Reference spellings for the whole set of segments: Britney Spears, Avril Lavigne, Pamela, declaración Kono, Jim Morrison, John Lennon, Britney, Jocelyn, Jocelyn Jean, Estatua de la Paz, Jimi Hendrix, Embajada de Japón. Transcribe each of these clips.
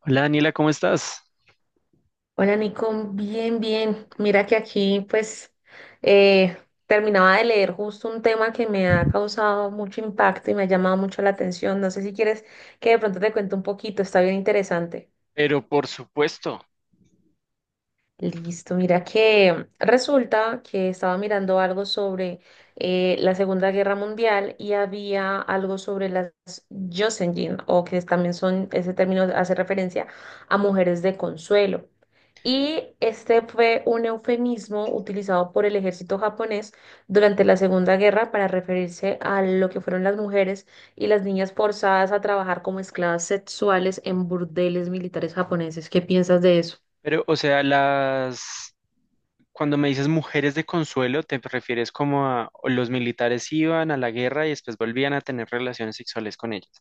Hola Daniela, ¿cómo estás? Hola Nico, bien, bien. Mira que aquí pues eh, terminaba de leer justo un tema que me ha causado mucho impacto y me ha llamado mucho la atención. No sé si quieres que de pronto te cuente un poquito, está bien interesante. Pero por supuesto. Listo, mira que resulta que estaba mirando algo sobre la Segunda Guerra Mundial y había algo sobre las Jocelyn, o que también son, ese término hace referencia a mujeres de consuelo. Y este fue un eufemismo utilizado por el ejército japonés durante la Segunda Guerra para referirse a lo que fueron las mujeres y las niñas forzadas a trabajar como esclavas sexuales en burdeles militares japoneses. ¿Qué piensas de eso? Pero o sea, las cuando me dices mujeres de consuelo, te refieres como a o los militares iban a la guerra y después volvían a tener relaciones sexuales con ellas.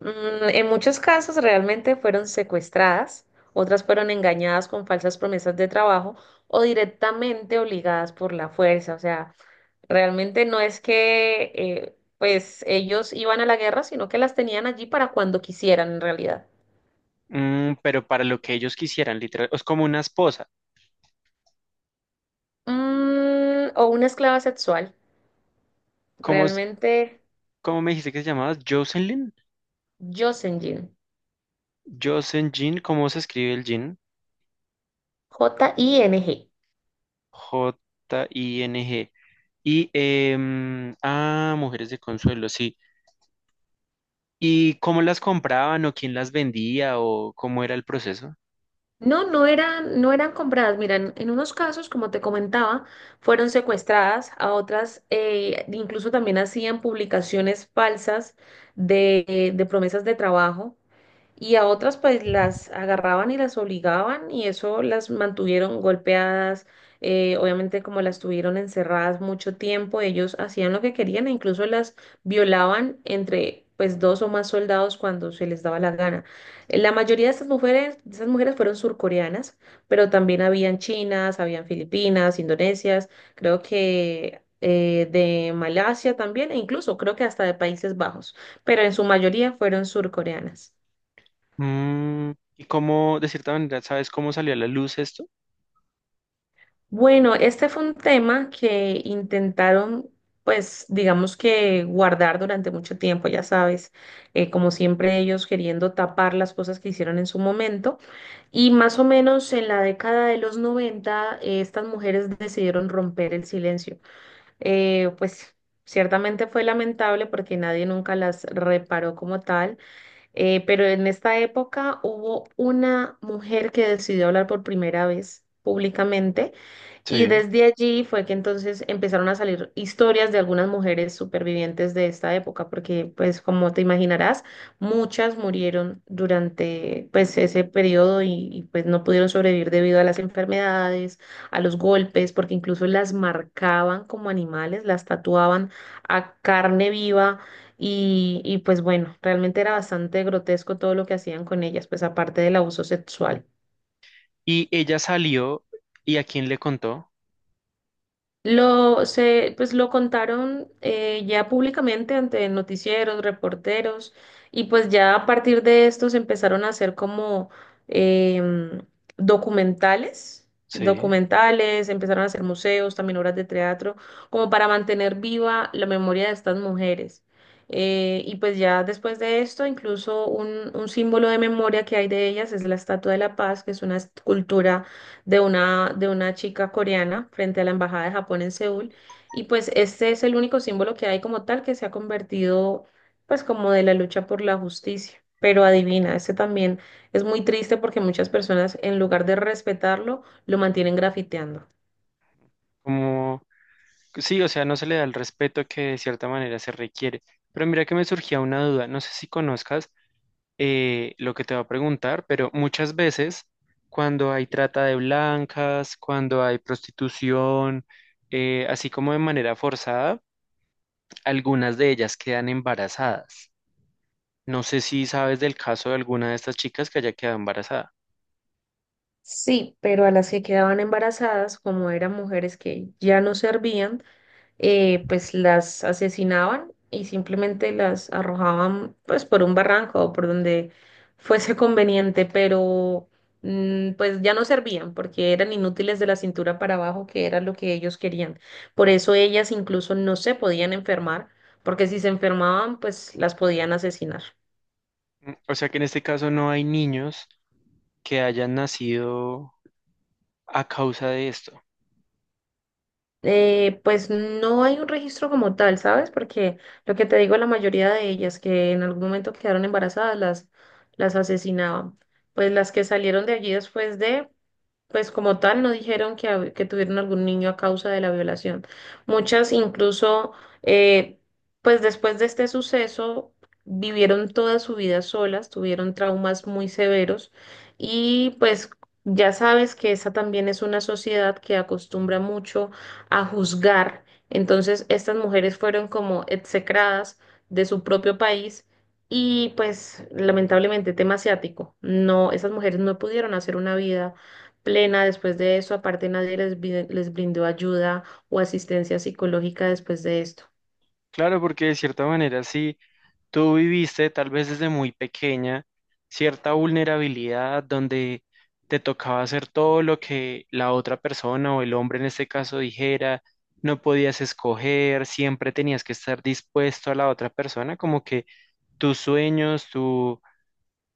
En muchos casos realmente fueron secuestradas, otras fueron engañadas con falsas promesas de trabajo o directamente obligadas por la fuerza. O sea, realmente no es que pues ellos iban a la guerra, sino que las tenían allí para cuando quisieran en realidad. Mm, pero para lo que ellos quisieran, literal, es como una esposa. O una esclava sexual, ¿Cómo, realmente. cómo me dijiste que se llamaba? ¿Jocelyn? Jocelyn, Jocelyn Jean, ¿cómo se escribe el Jean? Jing. Jing. Y, mujeres de consuelo, sí. ¿Y cómo las compraban o quién las vendía o cómo era el proceso? No, no eran compradas. Mira, en unos casos, como te comentaba, fueron secuestradas, a otras incluso también hacían publicaciones falsas de promesas de trabajo y a otras pues las agarraban y las obligaban y eso las mantuvieron golpeadas, obviamente como las tuvieron encerradas mucho tiempo, ellos hacían lo que querían e incluso las violaban entre pues dos o más soldados cuando se les daba la gana. La mayoría de estas mujeres, de esas mujeres fueron surcoreanas, pero también habían chinas, habían filipinas, indonesias, creo que de Malasia también, e incluso creo que hasta de Países Bajos, pero en su mayoría fueron surcoreanas. Mm, ¿y cómo, de cierta manera, sabes cómo salió a la luz esto? Bueno, este fue un tema que intentaron, pues, digamos que guardar durante mucho tiempo, ya sabes, como siempre ellos queriendo tapar las cosas que hicieron en su momento. Y más o menos en la década de los 90, estas mujeres decidieron romper el silencio. Pues ciertamente fue lamentable porque nadie nunca las reparó como tal, pero en esta época hubo una mujer que decidió hablar por primera vez públicamente y Sí. desde allí fue que entonces empezaron a salir historias de algunas mujeres supervivientes de esta época, porque pues como te imaginarás, muchas murieron durante pues ese periodo y, pues no pudieron sobrevivir debido a las enfermedades, a los golpes, porque incluso las marcaban como animales, las tatuaban a carne viva y pues bueno, realmente era bastante grotesco todo lo que hacían con ellas, pues aparte del abuso sexual. Y ella salió, y ¿a quién le contó? Pues lo contaron ya públicamente ante noticieros, reporteros, y pues ya a partir de estos empezaron a hacer como em, documentales, Sí. documentales, empezaron a hacer museos, también obras de teatro, como para mantener viva la memoria de estas mujeres. Y pues ya después de esto, incluso un símbolo de memoria que hay de ellas es la Estatua de la Paz, que es una escultura de una chica coreana frente a la Embajada de Japón en Seúl. Y pues este es el único símbolo que hay como tal que se ha convertido pues como de la lucha por la justicia. Pero adivina, este también es muy triste porque muchas personas en lugar de respetarlo lo mantienen grafiteando. Como, sí, o sea, no se le da el respeto que de cierta manera se requiere. Pero mira que me surgía una duda, no sé si conozcas lo que te va a preguntar, pero muchas veces cuando hay trata de blancas, cuando hay prostitución, así como de manera forzada, algunas de ellas quedan embarazadas. No sé si sabes del caso de alguna de estas chicas que haya quedado embarazada. Sí, pero a las que quedaban embarazadas, como eran mujeres que ya no servían, pues las asesinaban y simplemente las arrojaban pues por un barranco o por donde fuese conveniente, pero pues ya no servían porque eran inútiles de la cintura para abajo, que era lo que ellos querían. Por eso ellas incluso no se podían enfermar, porque si se enfermaban, pues las podían asesinar. Mm, o sea que en este caso no hay niños que hayan nacido a causa de esto. Pues no hay un registro como tal, ¿sabes? Porque lo que te digo, la mayoría de ellas que en algún momento quedaron embarazadas las asesinaban. Pues las que salieron de allí después de, pues como tal, no dijeron que tuvieron algún niño a causa de la violación. Muchas incluso, eh, pues después de este suceso, vivieron toda su vida solas, tuvieron traumas muy severos y pues ya sabes que esa también es una sociedad que acostumbra mucho a juzgar. Entonces, estas mujeres fueron como execradas de su propio país. Y pues lamentablemente tema asiático, no, esas mujeres no pudieron hacer una vida plena después de eso. Aparte, nadie les brindó ayuda o asistencia psicológica después de esto. Claro, porque de cierta manera sí. Tú viviste tal vez desde muy pequeña cierta vulnerabilidad donde te tocaba hacer todo lo que la otra persona o el hombre en este caso dijera, no podías escoger, siempre tenías que estar dispuesto a la otra persona, como que tus sueños, tu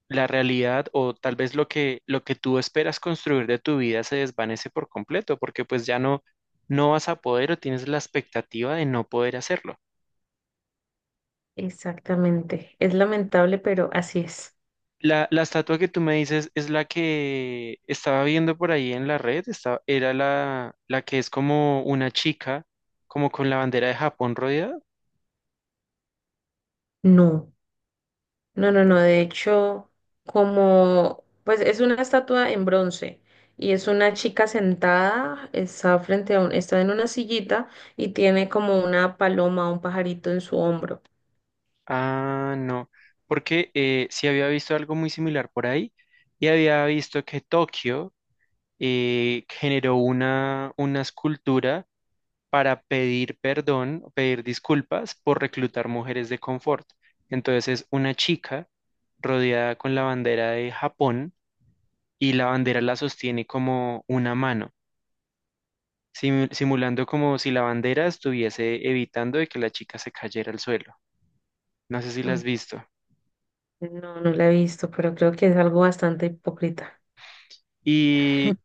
la realidad o tal vez lo que tú esperas construir de tu vida se desvanece por completo, porque pues ya no vas a poder o tienes la expectativa de no poder hacerlo. Exactamente. Es lamentable, pero así es. La estatua que tú me dices es la que estaba viendo por ahí en la red, era la que es como una chica, como con la bandera de Japón rodeada. No, no, no, no. De hecho, como, pues es una estatua en bronce y es una chica sentada, está frente a un, está en una sillita y tiene como una paloma, un pajarito en su hombro. Ah, no, porque sí había visto algo muy similar por ahí y había visto que Tokio generó una escultura para pedir perdón, pedir disculpas por reclutar mujeres de confort. Entonces es una chica rodeada con la bandera de Japón y la bandera la sostiene como una mano, simulando como si la bandera estuviese evitando de que la chica se cayera al suelo. No sé si la Ah, has visto. no, no la he visto, pero creo que es algo bastante hipócrita. ¿Y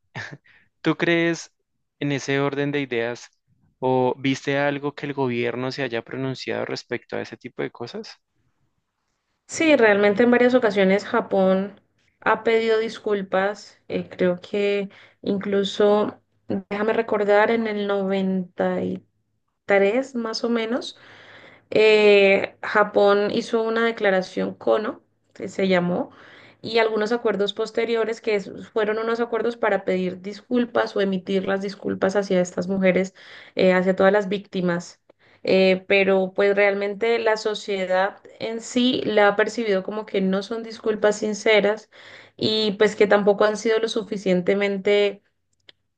tú crees, en ese orden de ideas, o viste algo que el gobierno se haya pronunciado respecto a ese tipo de cosas? Sí, realmente en varias ocasiones Japón ha pedido disculpas. Creo que incluso, déjame recordar, en el 93 más o menos, Japón hizo una declaración Kono que se llamó, y algunos acuerdos posteriores que fueron unos acuerdos para pedir disculpas o emitir las disculpas hacia estas mujeres, hacia todas las víctimas. Pero pues realmente la sociedad en sí la ha percibido como que no son disculpas sinceras y pues que tampoco han sido lo suficientemente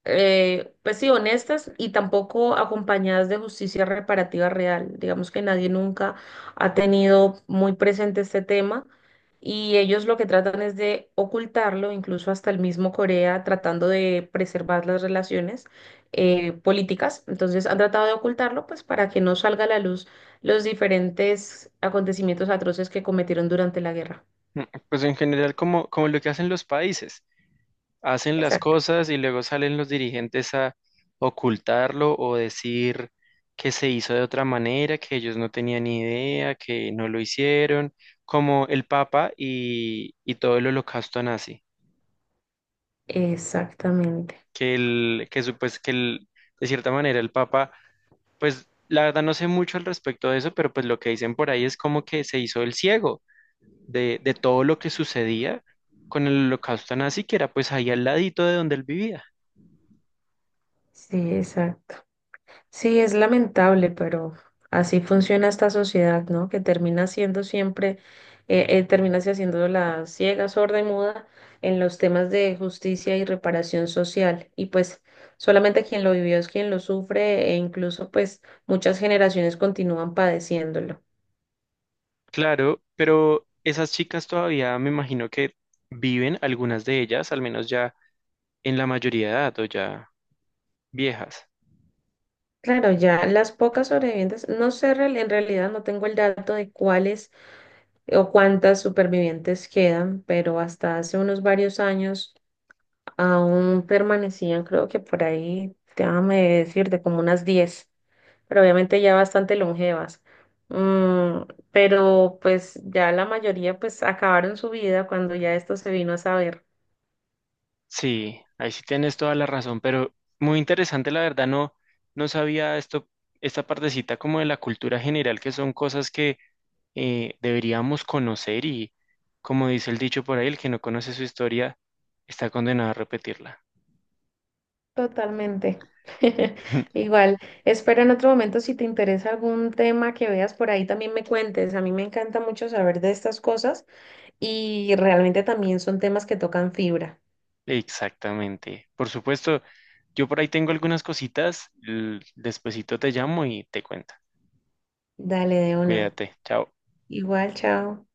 pues sí, honestas y tampoco acompañadas de justicia reparativa real. Digamos que nadie nunca ha tenido muy presente este tema y ellos lo que tratan es de ocultarlo, incluso hasta el mismo Corea tratando de preservar las relaciones políticas. Entonces han tratado de ocultarlo pues para que no salga a la luz los diferentes acontecimientos atroces que cometieron durante la guerra. Mm, pues en general, como, como lo que hacen los países, hacen las Exacto. cosas y luego salen los dirigentes a ocultarlo o decir que se hizo de otra manera, que ellos no tenían ni idea, que no lo hicieron, como el Papa y todo el holocausto nazi, Exactamente. que, el, que, supues- que el- de cierta manera el Papa. Pues la verdad no sé mucho al respecto de eso, pero pues lo que dicen por ahí es como que se hizo el ciego de todo lo que sucedía con el holocausto nazi, que era pues ahí al ladito de donde él vivía. Sí, exacto. Sí, es lamentable, pero así funciona esta sociedad, ¿no? Que termina siendo siempre, termina se haciendo la ciega, sorda y muda en los temas de justicia y reparación social. Y pues solamente quien lo vivió es quien lo sufre e incluso pues muchas generaciones continúan padeciéndolo. Claro, pero esas chicas todavía me imagino que viven, algunas de ellas, al menos ya en la mayoría de edad o ya viejas. Claro, ya las pocas sobrevivientes, no sé, en realidad no tengo el dato de cuáles o cuántas supervivientes quedan, pero hasta hace unos varios años. Aún permanecían, creo que por ahí, déjame decir, de como unas 10 pero obviamente ya bastante longevas. Mm, pero pues ya la mayoría pues acabaron su vida cuando ya esto se vino a saber. Sí, ahí sí tienes toda la razón, pero muy interesante, la verdad. No, no sabía esto, esta partecita como de la cultura general, que son cosas que deberíamos conocer y, como dice el dicho por ahí, el que no conoce su historia está condenado a repetirla. Totalmente. Igual, espero en otro momento si te interesa algún tema que veas por ahí también me cuentes. A mí me encanta mucho saber de estas cosas y realmente también son temas que tocan fibra. Exactamente. Por supuesto, yo por ahí tengo algunas cositas, despuesito te llamo y te cuento. Dale de una. Cuídate, chao. Igual, chao.